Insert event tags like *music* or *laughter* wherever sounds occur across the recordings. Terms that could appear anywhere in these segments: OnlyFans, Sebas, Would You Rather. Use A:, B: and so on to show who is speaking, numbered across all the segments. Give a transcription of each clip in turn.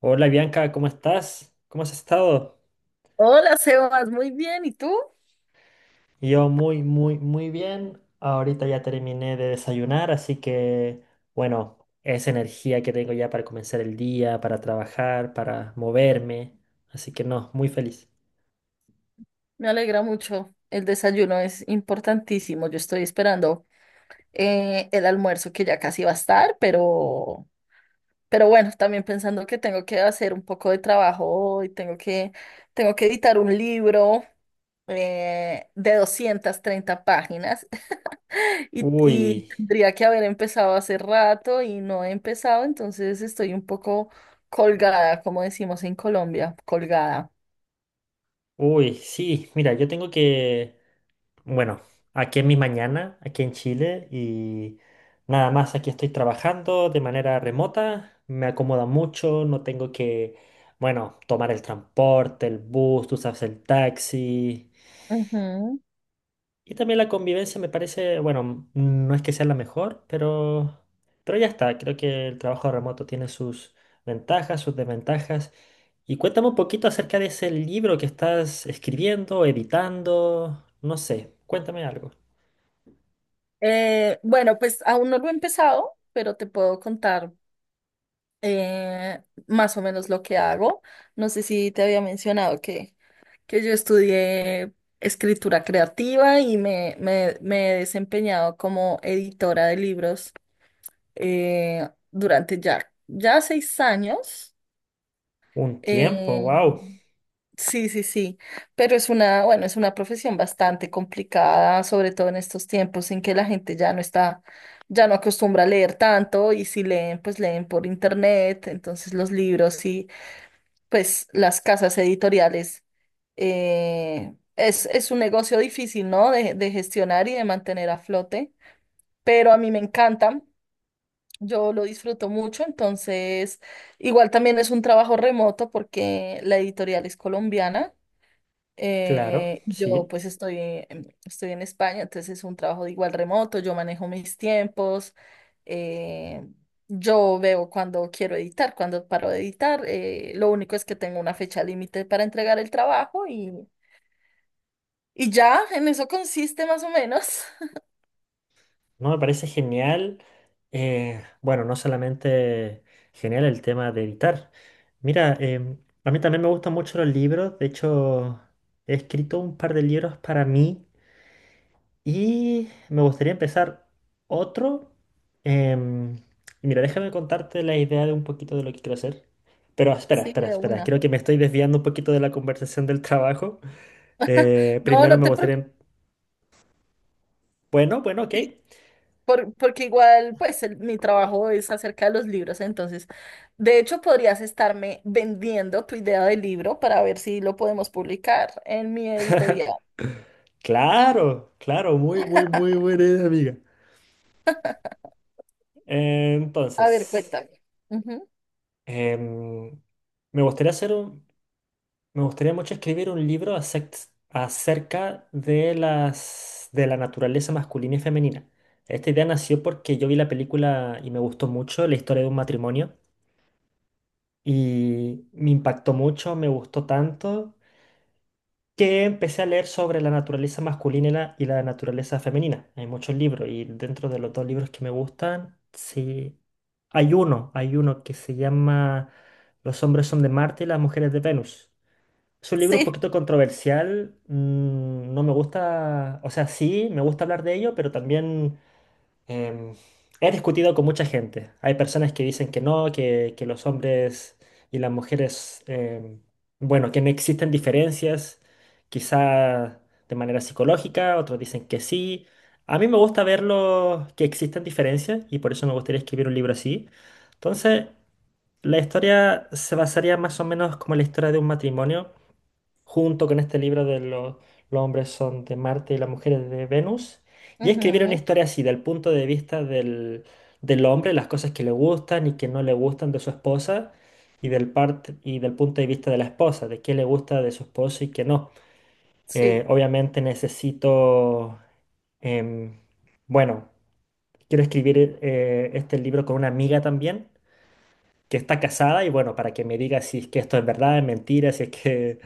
A: Hola Bianca, ¿cómo estás? ¿Cómo has estado?
B: Hola, Sebas, muy bien. ¿Y tú?
A: Yo muy, muy, muy bien. Ahorita ya terminé de desayunar, así que, bueno, esa energía que tengo ya para comenzar el día, para trabajar, para moverme. Así que no, muy feliz.
B: Me alegra mucho. El desayuno es importantísimo. Yo estoy esperando el almuerzo que ya casi va a estar, pero bueno, también pensando que tengo que hacer un poco de trabajo hoy, tengo que editar un libro de 230 páginas *laughs* y
A: Uy,
B: tendría que haber empezado hace rato y no he empezado, entonces estoy un poco colgada, como decimos en Colombia, colgada.
A: uy, sí, mira, yo tengo que... Bueno, aquí en mi mañana, aquí en Chile, y nada más aquí estoy trabajando de manera remota, me acomoda mucho, no tengo que, bueno, tomar el transporte, el bus, tú sabes, el taxi.
B: Ujú.
A: Y también la convivencia me parece, bueno, no es que sea la mejor, pero ya está, creo que el trabajo remoto tiene sus ventajas, sus desventajas. Y cuéntame un poquito acerca de ese libro que estás escribiendo, editando, no sé, cuéntame algo.
B: Bueno, pues aún no lo he empezado, pero te puedo contar eh, más o menos lo que hago. No sé si te había mencionado que yo estudié escritura creativa y me he desempeñado como editora de libros durante ya 6 años.
A: Un tiempo,
B: Eh,
A: wow,
B: Sí, sí, sí, pero es una, bueno, es una profesión bastante complicada, sobre todo en estos tiempos en que la gente ya no está, ya no acostumbra a leer tanto, y si leen, pues leen por internet, entonces los libros y pues las casas editoriales, es un negocio difícil, ¿no? De gestionar y de mantener a flote, pero a mí me encanta, yo lo disfruto mucho, entonces igual también es un trabajo remoto porque la editorial es colombiana.
A: claro,
B: Yo
A: sí,
B: pues estoy en España, entonces es un trabajo igual remoto, yo manejo mis tiempos, eh, yo veo cuando quiero editar, cuando paro de editar, lo único es que tengo una fecha límite para entregar el trabajo y ya, en eso consiste más o menos. *laughs*
A: no me parece genial. Bueno, no solamente genial el tema de editar. Mira, a mí también me gustan mucho los libros, de hecho he escrito un par de libros para mí y me gustaría empezar otro. em, y mira, déjame contarte la idea de un poquito de lo que quiero hacer. Pero espera,
B: Sí,
A: espera,
B: de
A: espera,
B: una.
A: creo que me estoy desviando un poquito de la conversación del trabajo.
B: *laughs* No,
A: Primero
B: no
A: me
B: te preocupes.
A: gustaría... Bueno, bueno, ok.
B: Porque igual, pues mi trabajo es acerca de los libros, entonces, de hecho, podrías estarme vendiendo tu idea de libro para ver si lo podemos publicar en mi editorial.
A: Claro, claro, muy, muy, muy buena idea, amiga.
B: A ver,
A: Entonces,
B: cuéntame. Ujú.
A: em, me gustaría hacer un- me gustaría mucho escribir un libro acerca de las, de la naturaleza masculina y femenina. Esta idea nació porque yo vi la película y me gustó mucho, la historia de un matrimonio, y me impactó mucho, me gustó tanto que empecé a leer sobre la naturaleza masculina y la naturaleza femenina. Hay muchos libros y dentro de los dos libros que me gustan, sí, hay uno que se llama Los hombres son de Marte y las mujeres de Venus. Es un libro un
B: Sí,
A: poquito controversial, mm, no me gusta, o sea, sí, me gusta hablar de ello, pero también... Em, he discutido con mucha gente. Hay personas que dicen que no, que los hombres y las mujeres, bueno, que no existen diferencias, quizá de manera psicológica, otros dicen que sí. A mí me gusta verlo que existen diferencias y por eso me gustaría escribir un libro así. Entonces, la historia se basaría más o menos como la historia de un matrimonio junto con este libro de los hombres son de Marte y las mujeres de Venus, y escribir una
B: ujú,
A: historia así, del punto de vista del, del hombre, las cosas que le gustan y que no le gustan de su esposa, y del, parte y del punto de vista de la esposa, de qué le gusta de su esposo y qué no.
B: sí.
A: Obviamente necesito, em, bueno, quiero escribir este libro con una amiga también que está casada y bueno, para que me diga si es que esto es verdad, es mentira, si es que,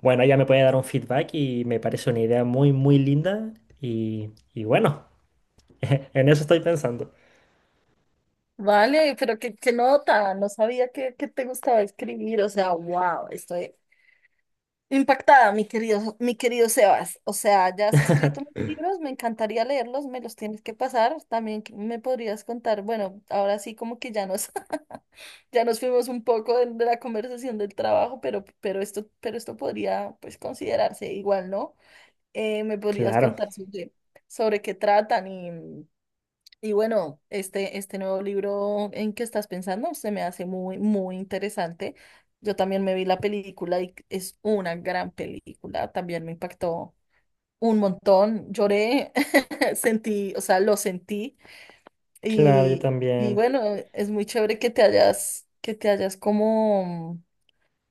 A: bueno, ella me puede dar un feedback y me parece una idea muy, muy linda y bueno, *laughs* en eso estoy pensando.
B: Vale, pero qué nota, no sabía que te gustaba escribir, o sea, wow, estoy impactada, mi querido Sebas. O sea, ya has escrito mis libros, me encantaría leerlos, me los tienes que pasar. También me podrías contar, bueno, ahora sí como que ya nos, *laughs* ya nos fuimos un poco de la conversación del trabajo, pero esto podría pues considerarse igual, ¿no? Me podrías
A: Claro,
B: contar sobre, sobre qué tratan, y bueno, este nuevo libro en que estás pensando se me hace muy, muy interesante. Yo también me vi la película y es una gran película. También me impactó un montón. Lloré, *laughs* sentí, o sea, lo sentí.
A: claro, yo
B: Y, y
A: también,
B: bueno, es muy chévere que te hayas como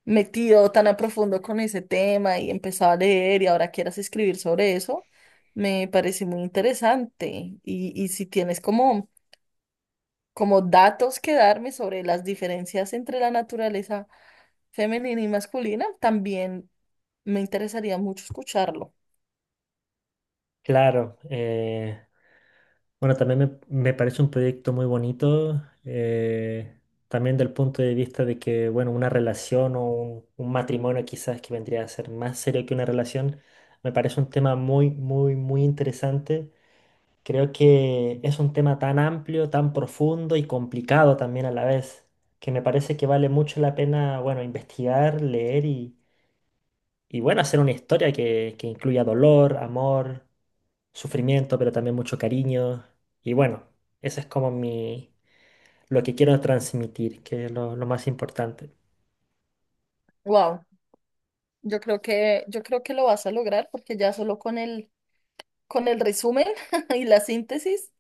B: metido tan a profundo con ese tema y empezado a leer y ahora quieras escribir sobre eso. Me parece muy interesante. Y si tienes como como datos que darme sobre las diferencias entre la naturaleza femenina y masculina, también me interesaría mucho escucharlo.
A: claro. Bueno, también me parece un proyecto muy bonito, también del punto de vista de que, bueno, una relación o un matrimonio quizás que vendría a ser más serio que una relación, me parece un tema muy, muy, muy interesante. Creo que es un tema tan amplio, tan profundo y complicado también a la vez, que me parece que vale mucho la pena, bueno, investigar, leer y bueno, hacer una historia que incluya dolor, amor, sufrimiento, pero también mucho cariño. Y bueno, eso es como mi, lo que quiero transmitir, que es lo más importante.
B: Wow, yo creo que lo vas a lograr porque ya solo con el resumen *laughs* y la síntesis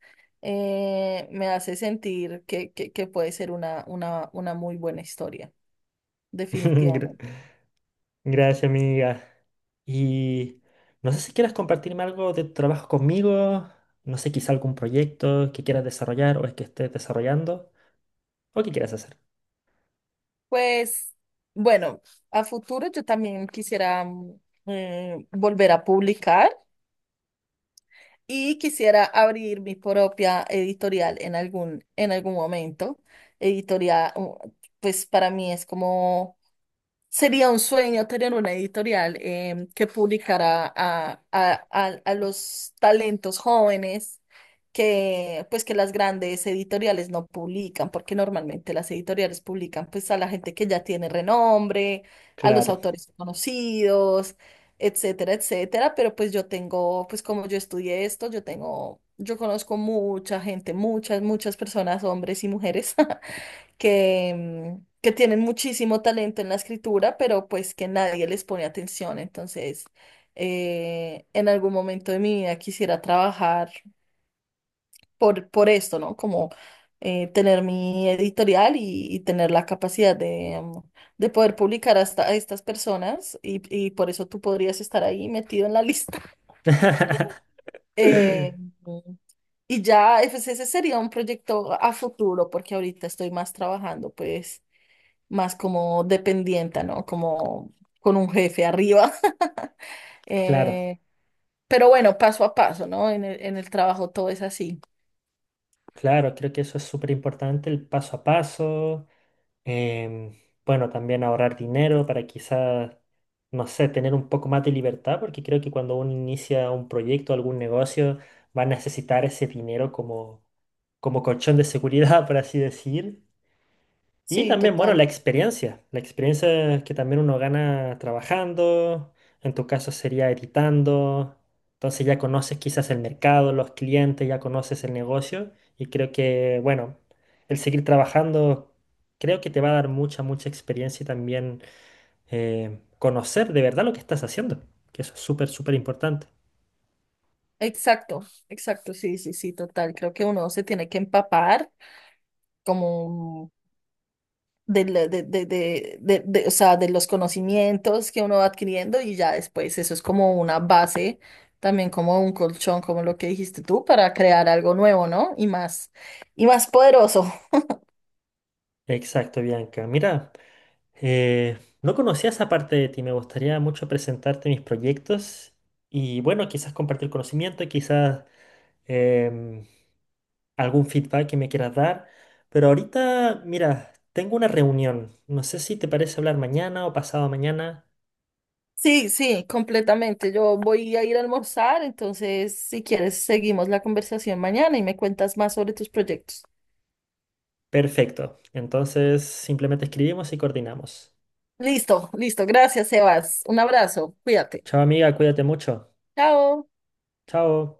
B: me hace sentir que puede ser una muy buena historia, definitivamente.
A: *laughs* Gracias, amiga. Y no sé si quieras compartirme algo de tu trabajo conmigo, no sé, quizá algún proyecto que quieras desarrollar o es que estés desarrollando o que quieras hacer.
B: Pues bueno, a futuro yo también quisiera volver a publicar. Y quisiera abrir mi propia editorial en algún momento. Editorial, pues para mí es como sería un sueño tener una editorial que publicara a, a los talentos jóvenes que pues que las grandes editoriales no publican, porque normalmente las editoriales publican pues a la gente que ya tiene renombre, a los
A: Claro.
B: autores conocidos, etcétera, etcétera, pero pues yo tengo, pues como yo estudié esto, yo tengo, yo conozco mucha gente, muchas, muchas personas, hombres y mujeres *laughs* que, que tienen muchísimo talento en la escritura, pero pues que nadie les pone atención. Entonces, en algún momento de mi vida quisiera trabajar por esto, ¿no? Como tener mi editorial y tener la capacidad de, de poder publicar hasta a estas personas y por eso tú podrías estar ahí metido en la lista. *laughs*
A: *laughs*
B: Eh, y ya, pues, ese sería un proyecto a futuro, porque ahorita estoy más trabajando, pues más como dependienta, ¿no? Como con un jefe arriba. *laughs*
A: Claro,
B: Eh, pero bueno, paso a paso, ¿no? En el trabajo todo es así.
A: claro, creo que eso es súper importante, el paso a paso. Em, bueno, también ahorrar dinero para quizás, no sé, tener un poco más de libertad, porque creo que cuando uno inicia un proyecto, algún negocio, va a necesitar ese dinero como, como colchón de seguridad, *laughs* por así decir. Y
B: Sí,
A: también, bueno,
B: total.
A: la experiencia que también uno gana trabajando, en tu caso sería editando, entonces ya conoces quizás el mercado, los clientes, ya conoces el negocio y creo que, bueno, el seguir trabajando creo que te va a dar mucha, mucha experiencia y también conocer de verdad lo que estás haciendo, que eso es súper, súper importante.
B: Exacto, exacto, sí, sí, sí, total. Creo que uno se tiene que empapar como de, de, o sea, de los conocimientos que uno va adquiriendo, y ya después eso es como una base, también como un colchón, como lo que dijiste tú, para crear algo nuevo, ¿no? Y más poderoso.
A: Exacto, Bianca. Mira. No conocía esa parte de ti, me gustaría mucho presentarte mis proyectos y bueno, quizás compartir conocimiento, quizás em, algún feedback que me quieras dar, pero ahorita, mira, tengo una reunión, no sé si te parece hablar mañana o pasado mañana.
B: Sí, sí, completamente. Yo voy a ir a almorzar, entonces si quieres seguimos la conversación mañana y me cuentas más sobre tus proyectos.
A: Perfecto, entonces simplemente escribimos y coordinamos.
B: Listo, listo. Gracias, Sebas. Un abrazo. Cuídate.
A: Chao amiga, cuídate mucho.
B: Chao.
A: Chao.